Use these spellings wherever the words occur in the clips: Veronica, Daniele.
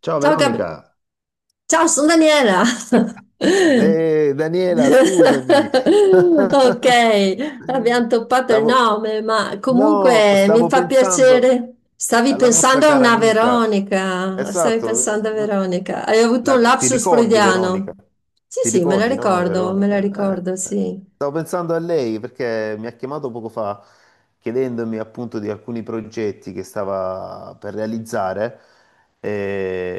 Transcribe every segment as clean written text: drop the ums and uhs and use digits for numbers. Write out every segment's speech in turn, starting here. Ciao Ciao, Veronica. ciao, sono Daniela. Daniela, scusami. Ok, abbiamo toppato il Stavo... nome, ma No, comunque mi stavo fa pensando piacere. Stavi alla nostra pensando a cara una amica. Veronica, stavi Esatto. pensando a Veronica. Hai avuto un Ti lapsus ricordi, Veronica? freudiano? Sì, Ti sì, ricordi, no, me la Veronica? Eh. ricordo, eh. sì. Stavo pensando a lei perché mi ha chiamato poco fa chiedendomi appunto di alcuni progetti che stava per realizzare.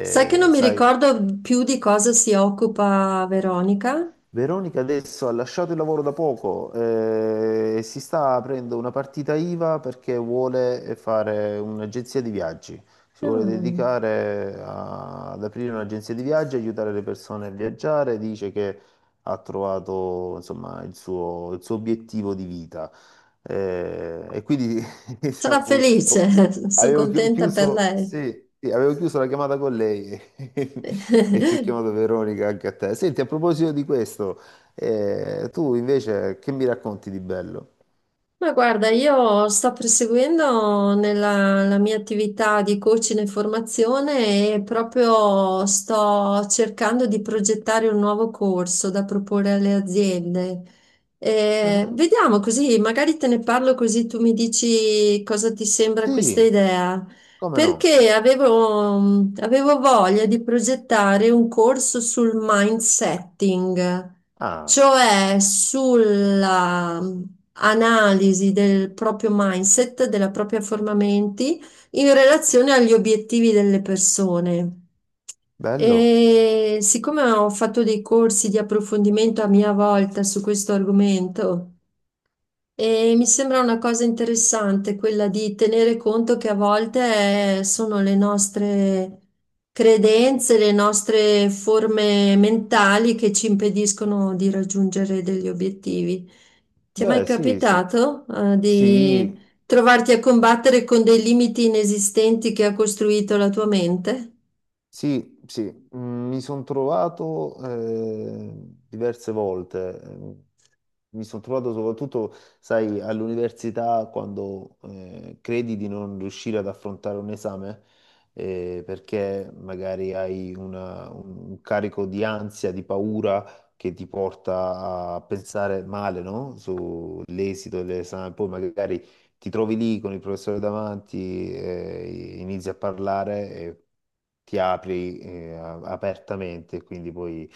Sai che non mi sai, ricordo più di cosa si occupa Veronica? Veronica adesso ha lasciato il lavoro da poco, e si sta aprendo una partita IVA perché vuole fare un'agenzia di viaggi. Si vuole Mm. dedicare ad aprire un'agenzia di viaggi, aiutare le persone a viaggiare. Dice che ha trovato, insomma, il suo obiettivo di vita. E quindi Sarà diciamo, felice, oh, sono avevo contenta per chiuso, sì, lei. sì, avevo chiuso la chiamata con lei. E ti ho chiamato Veronica anche a te. Senti, a proposito di questo, tu invece che mi racconti di bello? Ma guarda, io sto proseguendo nella la mia attività di coaching e formazione e proprio sto cercando di progettare un nuovo corso da proporre alle aziende. Ah, Vediamo così, magari te ne parlo così tu mi dici cosa ti sembra questa sì, idea. come no? Perché avevo voglia di progettare un corso sul mindsetting, Ah, cioè sulla analisi del proprio mindset, della propria forma menti in relazione agli obiettivi delle persone. bello? E siccome ho fatto dei corsi di approfondimento a mia volta su questo argomento, e mi sembra una cosa interessante quella di tenere conto che a volte sono le nostre credenze, le nostre forme mentali che ci impediscono di raggiungere degli obiettivi. Ti è mai Beh, sì, sì. capitato, di Sì. trovarti a combattere con dei limiti inesistenti che ha costruito la tua mente? Sì, sì, mi sono trovato diverse volte, mi sono trovato soprattutto, sai, all'università quando credi di non riuscire ad affrontare un esame, perché magari hai un carico di ansia, di paura che ti porta a pensare male, no? Sull'esito dell'esame, poi magari ti trovi lì con il professore davanti, inizi a parlare e ti apri, apertamente, quindi poi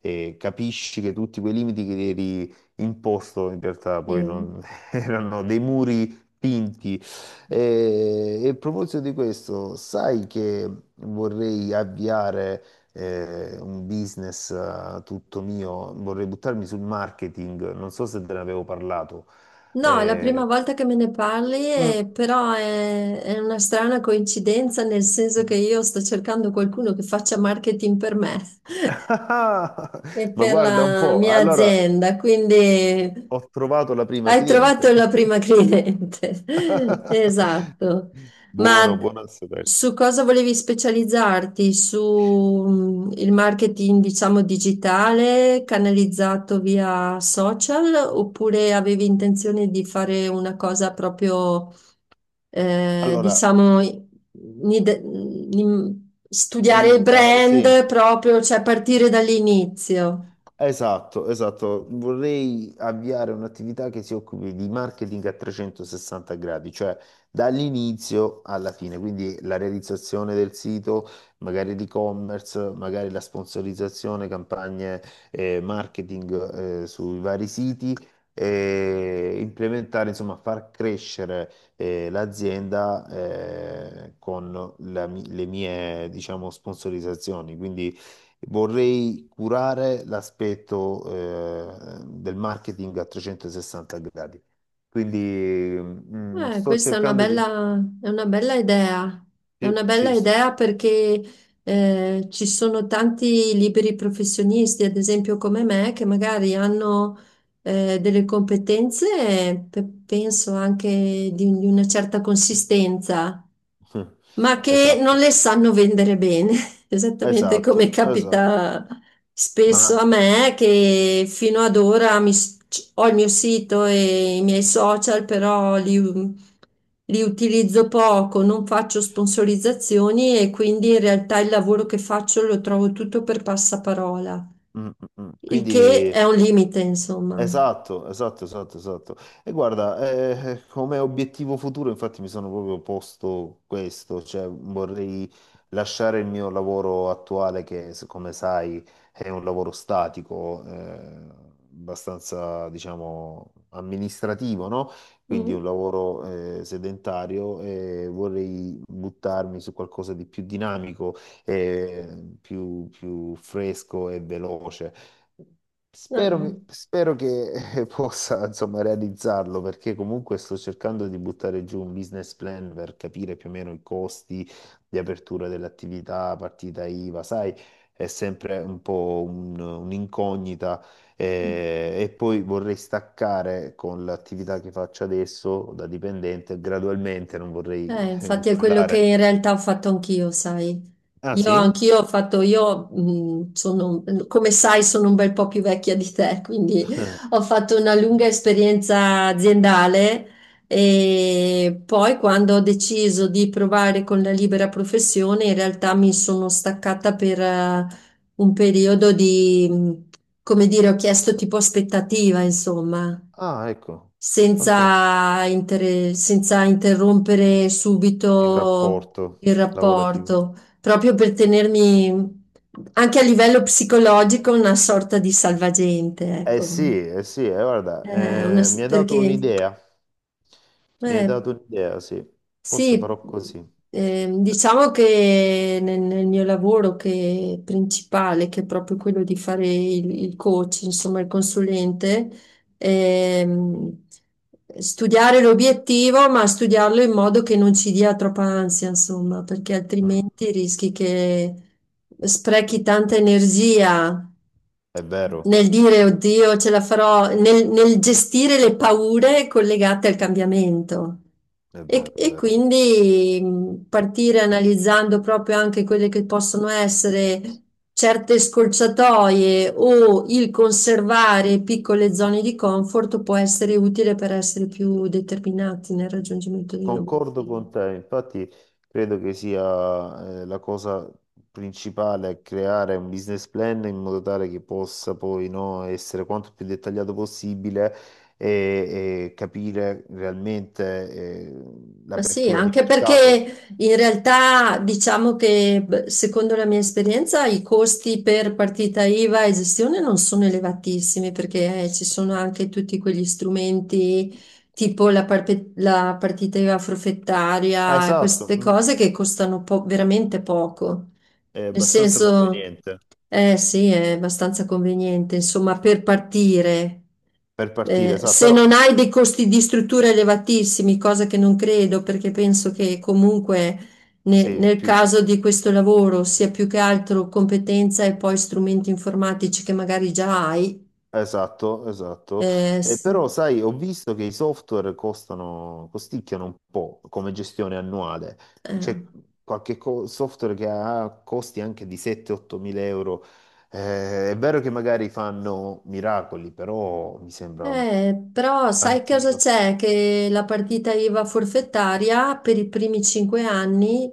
capisci che tutti quei limiti che ti eri imposto in realtà poi Sì. Erano dei muri pinti. E a proposito di questo, sai che vorrei avviare un business, tutto mio, vorrei buttarmi sul marketing, non so se te ne avevo parlato. No, è la prima Eh, volta che me ne parli, Mm. Però è una strana coincidenza, nel senso che io sto cercando qualcuno che faccia marketing per me Ah, e ma per guarda un la po', mia allora azienda, quindi ho trovato la prima hai trovato cliente. la prima cliente. Esatto. Ma Buono, d- buono a sapersi. su cosa volevi specializzarti? Su il marketing, diciamo, digitale canalizzato via social oppure avevi intenzione di fare una cosa proprio, Allora, diciamo, studiare il limitata, sì, brand proprio, cioè partire dall'inizio? esatto, esatto. Vorrei avviare un'attività che si occupi di marketing a 360 gradi, cioè dall'inizio alla fine, quindi la realizzazione del sito, magari l'e-commerce, magari la sponsorizzazione, campagne, marketing, sui vari siti, e implementare, insomma, far crescere l'azienda con le mie, diciamo, sponsorizzazioni. Quindi vorrei curare l'aspetto del marketing a 360 gradi. Quindi sto Questa è una cercando di. È una bella è una Sì, bella sì, idea perché ci sono tanti liberi professionisti, ad esempio come me, che magari hanno delle competenze, penso anche di una certa consistenza ma che non Esatto, le sanno vendere bene, esattamente come esatto, esatto. capita spesso a Ma me, che fino ad ora ho il mio sito e i miei social, però li utilizzo poco, non faccio sponsorizzazioni e quindi in realtà il lavoro che faccio lo trovo tutto per passaparola, mm, mm. il che quindi è un limite, insomma. esatto, esatto, esatto, esatto. E guarda, come obiettivo futuro, infatti, mi sono proprio posto questo, cioè vorrei lasciare il mio lavoro attuale, che, come sai, è un lavoro statico, abbastanza, diciamo, amministrativo, no? Quindi Mm. un lavoro, sedentario, e vorrei buttarmi su qualcosa di più dinamico, più fresco e veloce. Spero, spero che possa, insomma, realizzarlo, perché comunque sto cercando di buttare giù un business plan per capire più o meno i costi di apertura dell'attività, partita IVA, sai, è sempre un po' un'incognita, Eh. E poi vorrei staccare con l'attività che faccio adesso da dipendente gradualmente, non vorrei Infatti è quello che mollare. in realtà ho fatto anch'io, sai. Ah Io sì? anch'io ho fatto, io sono, come sai, sono un bel po' più vecchia di te, quindi ho fatto una lunga esperienza aziendale e poi quando ho deciso di provare con la libera professione, in realtà mi sono staccata per un periodo di, come dire, ho chiesto tipo aspettativa, insomma Ah, ecco, fantastico. Senza interrompere Il subito rapporto il lavorativo. rapporto, proprio per tenermi anche a livello psicologico una sorta di salvagente, ecco. Sì, eh sì, guarda, Una mi s- hai dato perché un'idea, mi hai eh, dato un'idea, sì, forse Sì, farò così. Eh, diciamo che nel mio lavoro che è principale, che è proprio quello di fare il coach, insomma il consulente, ehm, studiare l'obiettivo, ma studiarlo in modo che non ci dia troppa ansia, insomma, perché Mm, altrimenti rischi che sprechi tanta energia è vero, nel dire, oddio, ce la farò, nel gestire le paure collegate al cambiamento. è vero, E, è e vero. quindi partire analizzando proprio anche quelle che possono essere certe scorciatoie o il conservare piccole zone di comfort può essere utile per essere più determinati nel raggiungimento degli Concordo obiettivi. con te, infatti credo che sia la cosa principale creare un business plan in modo tale che possa, poi, no, essere quanto più dettagliato possibile e capire realmente Ma sì, l'apertura di anche mercato. perché in realtà diciamo che beh, secondo la mia esperienza i costi per partita IVA e gestione non sono elevatissimi perché ci sono anche tutti quegli strumenti tipo la partita IVA Ah, forfettaria e esatto. queste Mm. cose che costano veramente poco. È Nel abbastanza senso, conveniente eh sì, è abbastanza conveniente, insomma, per partire. per partire, sa, Se però non hai dei costi di struttura elevatissimi, cosa che non credo, perché penso che comunque sì, nel più caso di questo lavoro sia più che altro competenza e poi strumenti informatici che magari già hai. esatto, esatto. eh, s- Però, sai, ho visto che i software costano, costicchiano un po' come gestione annuale. eh. C'è qualche software che ha costi anche di 7-8 mila euro. È vero che magari fanno miracoli, però mi sembra un Però sai cosa tantino. c'è? Che la partita IVA forfettaria per i primi 5 anni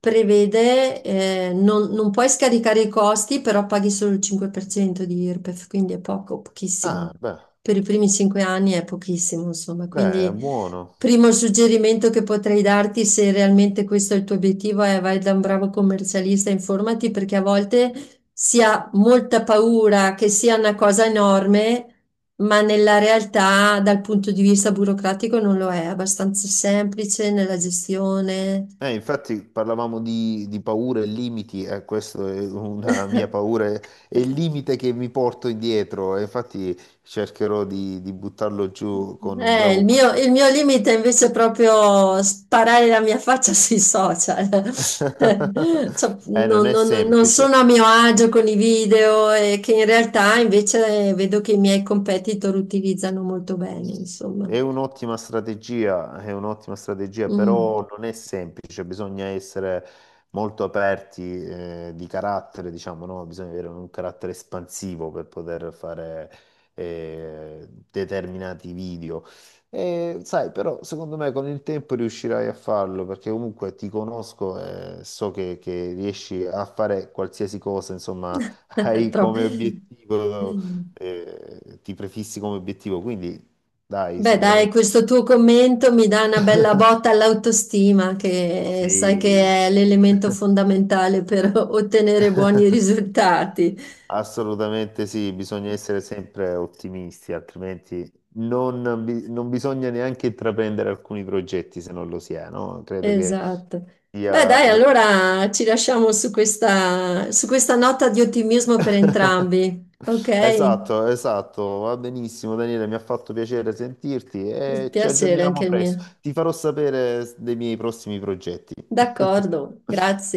prevede, non puoi scaricare i costi, però paghi solo il 5% di IRPEF, quindi è poco, Ah, pochissimo. beh, Per i primi cinque anni è pochissimo, insomma. beh, è Quindi, buono. primo suggerimento che potrei darti, se realmente questo è il tuo obiettivo, è vai da un bravo commercialista, informati, perché a volte si ha molta paura che sia una cosa enorme ma nella realtà dal punto di vista burocratico non lo è abbastanza semplice nella gestione. Infatti parlavamo di paure e limiti. Eh, questa è una mia paura e il limite che mi porto indietro, e infatti cercherò di buttarlo giù con un bravo il consulente. mio limite invece è proprio sparare la mia faccia sui social. Cioè, non è non semplice. sono a mio agio con i video e che in realtà invece vedo che i miei competitor utilizzano molto bene, insomma. È un'ottima strategia, Mm. però non è semplice, bisogna essere molto aperti, di carattere, diciamo, no? Bisogna avere un carattere espansivo per poter fare, determinati video. E, sai, però secondo me con il tempo riuscirai a farlo, perché comunque ti conosco e so che riesci a fare qualsiasi cosa, insomma, hai Tro- come obiettivo, ti prefissi come obiettivo, quindi dai, Beh, dai, sicuramente. questo tuo commento mi dà una bella botta all'autostima, che sai Sì. che è l'elemento fondamentale per ottenere buoni risultati. Assolutamente sì, bisogna essere sempre ottimisti, altrimenti non bisogna neanche intraprendere alcuni progetti se non lo si è, no? Credo che Esatto. Beh, sia... dai, do- allora ci lasciamo su questa nota di ottimismo per entrambi. Ok? Esatto, esatto, va benissimo, Daniele, mi ha fatto piacere sentirti Un e ci piacere anche aggiorniamo il presto. mio. Ti farò sapere dei miei prossimi progetti. D'accordo,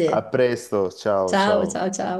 A presto, ciao Ciao, ciao. ciao, ciao.